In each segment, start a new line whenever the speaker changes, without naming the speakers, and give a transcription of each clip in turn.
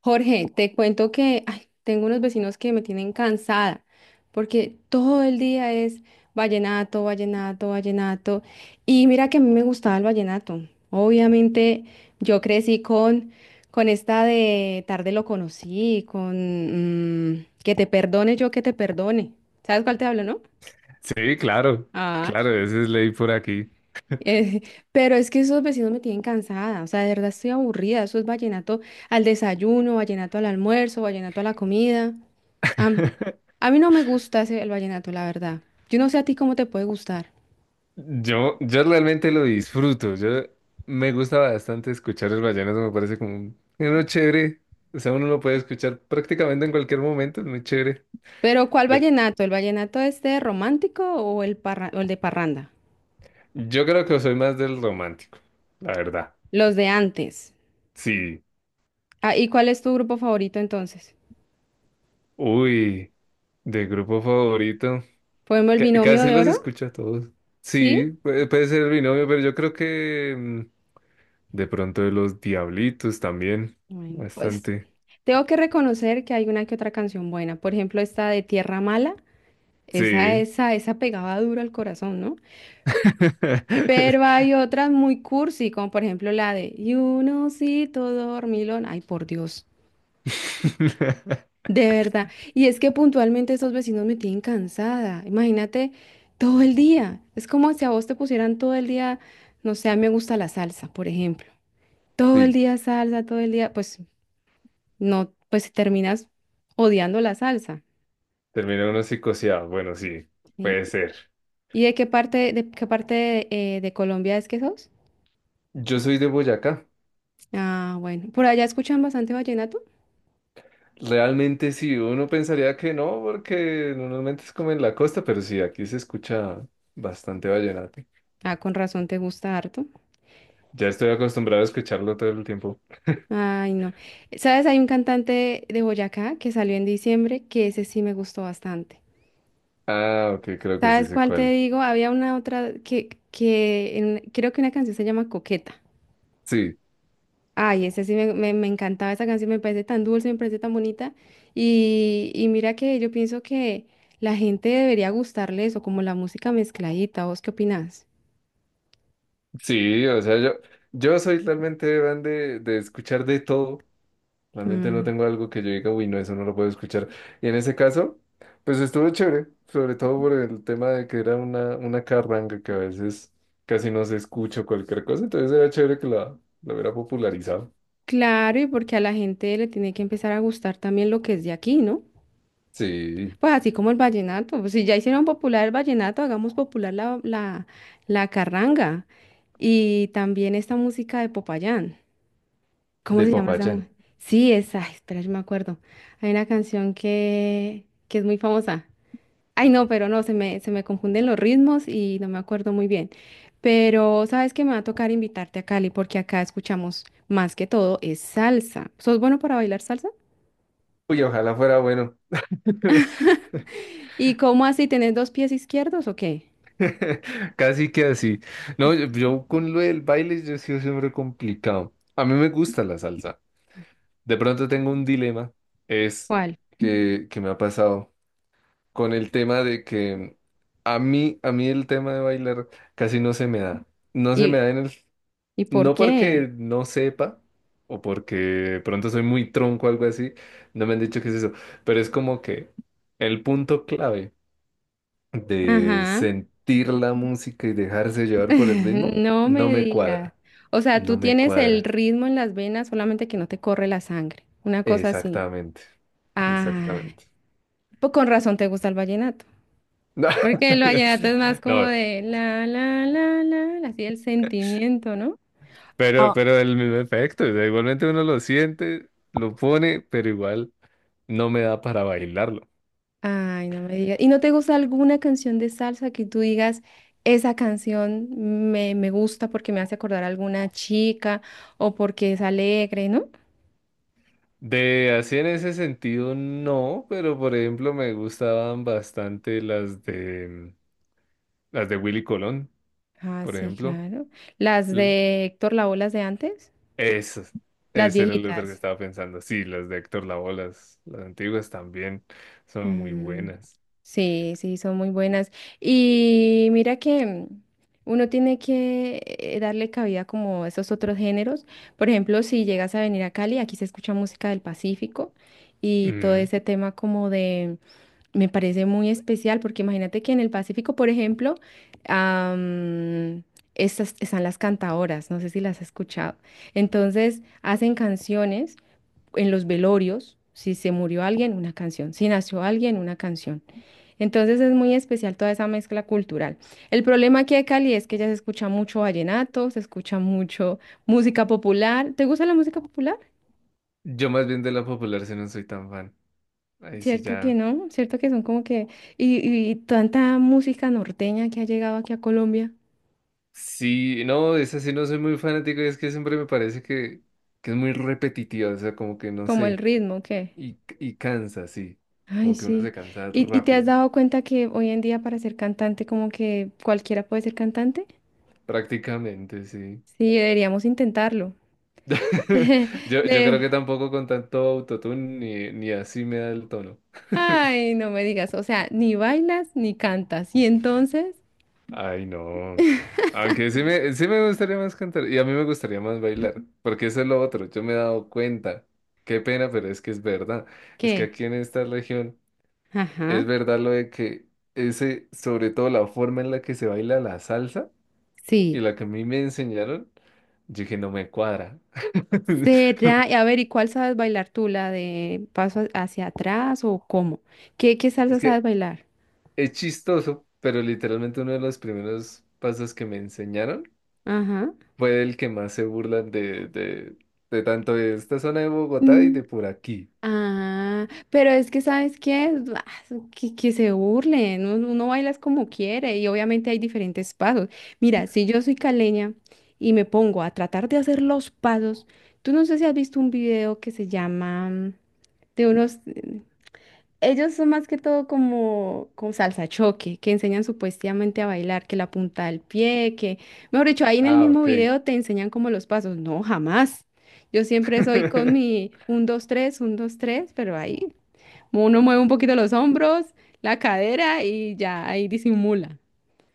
Jorge, te cuento que ay, tengo unos vecinos que me tienen cansada porque todo el día es vallenato, vallenato, vallenato. Y mira que a mí me gustaba el vallenato. Obviamente yo crecí con esta de tarde lo conocí, con que te perdone yo que te perdone. ¿Sabes cuál te hablo, no?
Sí, claro,
Ah,
claro, esa es ley por aquí.
eh, pero es que esos vecinos me tienen cansada, o sea, de verdad estoy aburrida. Eso es vallenato al desayuno, vallenato al almuerzo, vallenato a la comida. Am- a mí no me gusta ese, el vallenato, la verdad. Yo no sé a ti cómo te puede gustar.
Yo realmente lo disfruto, yo me gusta bastante escuchar el vallenato, me parece como uno chévere, o sea, uno lo puede escuchar prácticamente en cualquier momento, es muy chévere.
Pero ¿cuál
Yo,
vallenato? ¿El vallenato este romántico o o el de parranda?
yo creo que soy más del romántico, la verdad.
Los de antes.
Sí,
Ah, ¿y cuál es tu grupo favorito entonces?
uy, de grupo favorito,
¿Podemos el binomio
casi
de
los
oro?
escucho a todos.
¿Sí?
Sí, puede ser mi novio, pero yo creo que de pronto de los Diablitos también,
Bueno, pues
bastante.
tengo que reconocer que hay una que otra canción buena. Por ejemplo, esta de Tierra Mala. Esa,
Sí.
esa, esa pegaba duro al corazón, ¿no? Pero hay otras muy cursi, como por ejemplo la de y un osito dormilón. Ay, por Dios, de verdad. Y es que puntualmente esos vecinos me tienen cansada. Imagínate todo el día. Es como si a vos te pusieran todo el día, no sé, a mí me gusta la salsa, por ejemplo. Todo el
Sí,
día salsa, todo el día, pues no, pues terminas odiando la salsa.
terminó uno psicoseado. Bueno, sí,
¿Sí?
puede ser.
¿Y de qué parte, de qué parte de Colombia es que sos?
Yo soy de Boyacá.
Ah, bueno. ¿Por allá escuchan bastante vallenato?
Realmente sí, uno pensaría que no, porque normalmente es como en la costa, pero sí, aquí se escucha bastante vallenato.
Ah, con razón te gusta harto.
Ya estoy acostumbrado a escucharlo todo el tiempo.
Ay, no. ¿Sabes? Hay un cantante de Boyacá que salió en diciembre que ese sí me gustó bastante.
Ah, ok, creo que sí
¿Sabes
sé
cuál te
cuál.
digo? Había una otra que creo que una canción se llama Coqueta.
Sí,
Ay, ese sí me encantaba esa canción, me parece tan dulce, me parece tan bonita. Y mira que yo pienso que la gente debería gustarle eso, como la música mezcladita. ¿Vos qué opinás?
sí, o sea, yo soy realmente fan de escuchar de todo. Realmente no
Mm.
tengo algo que yo diga, uy, no, eso no lo puedo escuchar. Y en ese caso, pues estuvo chévere, sobre todo por el tema de que era una carranga que a veces casi no se escucha o cualquier cosa, entonces era chévere que la hubiera popularizado.
Claro, y porque a la gente le tiene que empezar a gustar también lo que es de aquí, ¿no?
Sí,
Pues así como el vallenato, pues si ya hicieron popular el vallenato, hagamos popular la carranga y también esta música de Popayán. ¿Cómo
de
se llama esa?
Popayán.
Sí, esa, espera, yo me acuerdo. Hay una canción que es muy famosa. Ay, no, pero no, se me confunden los ritmos y no me acuerdo muy bien. Pero sabes que me va a tocar invitarte a Cali porque acá escuchamos más que todo es salsa. ¿Sos bueno para bailar salsa?
Uy, ojalá fuera bueno.
¿Y cómo así? ¿Tenés dos pies izquierdos o qué?
Casi que así. No, yo con lo del baile yo he sido siempre complicado. A mí me gusta la salsa. De pronto tengo un dilema, es
¿Cuál?
que me ha pasado. Con el tema de que a mí el tema de bailar casi no se me da. No se me
¿Y,
da en el,
y por
no
qué?
porque no sepa o porque de pronto soy muy tronco o algo así, no me han dicho qué es eso, pero es como que el punto clave de
Ajá.
sentir la música y dejarse llevar por el ritmo,
No
no
me
me
digas.
cuadra,
O sea,
no
tú
me
tienes el
cuadra.
ritmo en las venas, solamente que no te corre la sangre. Una cosa así.
Exactamente,
Ah,
exactamente.
pues con razón te gusta el vallenato. Porque el vallenato es más como
No,
de así el sentimiento, ¿no?
pero el mismo efecto, o sea, igualmente uno lo siente, lo pone, pero igual no me da para bailarlo.
Ay, no me digas. ¿Y no te gusta alguna canción de salsa que tú digas, esa canción me gusta porque me hace acordar a alguna chica o porque es alegre, ¿no?
De así en ese sentido no, pero por ejemplo me gustaban bastante las de Willy Colón,
Ah,
por
sí,
ejemplo.
claro. Las
L-
de Héctor Lavoe, las de antes,
Esas,
las
ese era el otro que
viejitas.
estaba pensando. Sí, las de Héctor Lavoe, las antiguas también son muy
Mm,
buenas.
sí, sí, son muy buenas. Y mira que uno tiene que darle cabida como a esos otros géneros. Por ejemplo, si llegas a venir a Cali, aquí se escucha música del Pacífico y todo
Mm.
ese tema como de, me parece muy especial porque imagínate que en el Pacífico, por ejemplo, am, estas están las cantaoras, no sé si las has escuchado. Entonces, hacen canciones en los velorios, si se murió alguien, una canción, si nació alguien, una canción. Entonces es muy especial toda esa mezcla cultural. El problema aquí de Cali es que ya se escucha mucho vallenato, se escucha mucho música popular. ¿Te gusta la música popular?
Yo más bien de la popular si no soy tan fan. Ahí sí
Cierto que
ya.
no, cierto que son como que... Y, y tanta música norteña que ha llegado aquí a Colombia,
Sí, no, esa sí no soy muy fanático y es que siempre me parece que es muy repetitiva, o sea, como que no
como el
sé,
ritmo que...
y cansa, sí,
Ay,
como que uno se
sí.
cansa
Y te has
rápido,
dado cuenta que hoy en día para ser cantante como que cualquiera puede ser cantante?
prácticamente, sí.
Sí, deberíamos intentarlo.
Yo creo
De...
que tampoco con tanto autotune ni así me da el tono.
Ay, no me digas, o sea, ni bailas ni cantas. ¿Y entonces
Ay, no. Aunque sí me gustaría más cantar y a mí me gustaría más bailar, porque eso es lo otro, yo me he dado cuenta. Qué pena, pero es que es verdad. Es que
qué?
aquí en esta región... Es
Ajá,
verdad lo de que ese, sobre todo la forma en la que se baila la salsa y
sí.
la que a mí me enseñaron, yo dije, no me cuadra.
¿Será? Y a ver, ¿y cuál sabes bailar tú? ¿La de hacia atrás o cómo? ¿Qué, qué salsa
Es
sabes
que
bailar?
es chistoso, pero literalmente uno de los primeros pasos que me enseñaron
Ajá.
fue el que más se burlan de tanto de esta zona de Bogotá y
Mm,
de por aquí.
ah, pero es que ¿sabes qué? Ah, que se burlen, uno, uno baila es como quiere y obviamente hay diferentes pasos. Mira, si yo soy caleña y me pongo a tratar de hacer los pasos, tú no sé si has visto un video que se llama de unos, ellos son más que todo como, como salsa choque, que enseñan supuestamente a bailar, que la punta del pie, que, mejor dicho, ahí en el
Ah,
mismo
ok.
video te enseñan como los pasos. No, jamás. Yo siempre soy con mi un dos tres pero ahí uno mueve un poquito los hombros, la cadera y ya ahí disimula.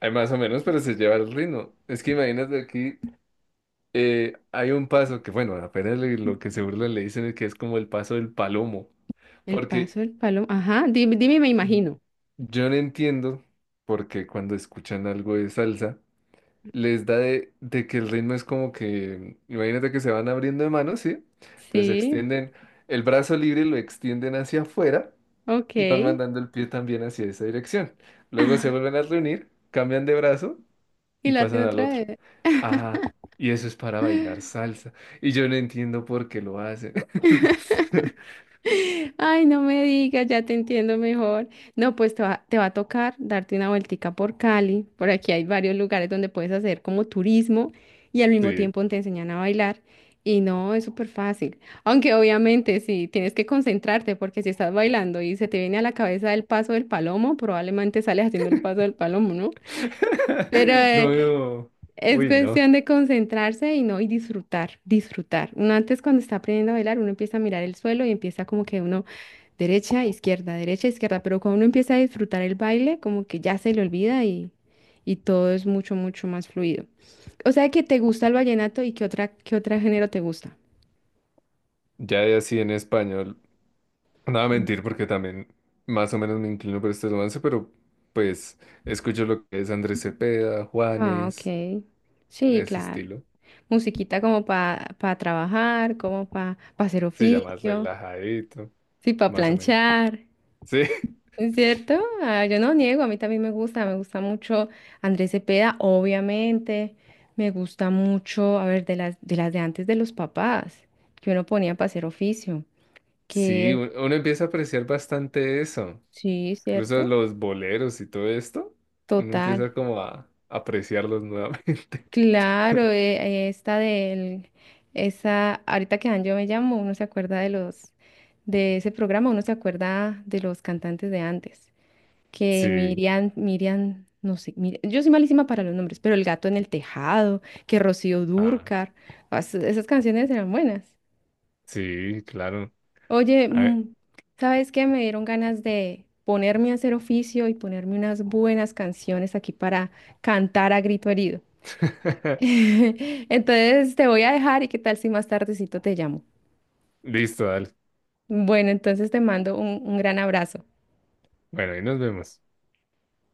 Hay más o menos, pero se lleva el ritmo. Es que imagínate aquí. Hay un paso que, bueno, apenas lo que se burlan le dicen es que es como el paso del palomo,
El
porque
paso, el palo, ajá, dime, dime, me imagino.
yo no entiendo porque cuando escuchan algo de salsa les da de que el ritmo es como que, imagínate que se van abriendo de manos, ¿sí? Entonces
Sí,
extienden el brazo libre, lo extienden hacia afuera
ok.
y van mandando el pie también hacia esa dirección. Luego se vuelven a reunir, cambian de brazo
Y
y
lo hacen
pasan al
otra
otro.
vez.
Ajá, y eso es para bailar salsa. Y yo no entiendo por qué lo hacen.
Ay, no me digas, ya te entiendo mejor. No, pues te va a tocar darte una vueltica por Cali. Por aquí hay varios lugares donde puedes hacer como turismo y al mismo
Sí.
tiempo te enseñan a bailar. Y no, es súper fácil. Aunque obviamente sí, tienes que concentrarte porque si estás bailando y se te viene a la cabeza el paso del palomo, probablemente sales haciendo el paso del palomo, ¿no? Pero
No veo.
es
Uy, no.
cuestión de concentrarse y no, y disfrutar, disfrutar. Uno antes cuando está aprendiendo a bailar, uno empieza a mirar el suelo y empieza como que uno... derecha, izquierda, pero cuando uno empieza a disfrutar el baile, como que ya se le olvida y todo es mucho, mucho más fluido. O sea que te gusta el vallenato y qué otra, qué otro género te gusta.
Ya de así en español. No voy a mentir porque también más o menos me inclino por este romance, pero pues escucho lo que es Andrés Cepeda,
Ah,
Juanes,
ok. Sí,
ese
claro.
estilo.
Musiquita como para trabajar, como para hacer
Sí, ya más
oficio,
relajadito,
sí, para
más o menos.
planchar.
Sí.
¿Es cierto? Ah, yo no niego, a mí también me gusta mucho Andrés Cepeda, obviamente, me gusta mucho, a ver, de las de las de antes de los papás, que uno ponía para hacer oficio,
Sí,
que
uno empieza a apreciar bastante eso.
sí,
Incluso
¿cierto?
los boleros y todo esto, uno
Total,
empieza como a apreciarlos nuevamente.
claro, esta del, esa, ahorita que dan yo me llamo, uno se acuerda de los, de ese programa, uno se acuerda de los cantantes de antes. Que
Sí,
Miriam, Miriam, no sé, yo soy malísima para los nombres, pero El gato en el tejado, que Rocío
ah,
Dúrcar, esas canciones eran buenas.
sí, claro.
Oye,
A ver.
¿sabes qué? Me dieron ganas de ponerme a hacer oficio y ponerme unas buenas canciones aquí para cantar a grito herido. Entonces te voy a dejar y qué tal si más tardecito te llamo.
Listo, dale.
Bueno, entonces te mando un gran abrazo.
Bueno, ahí nos vemos.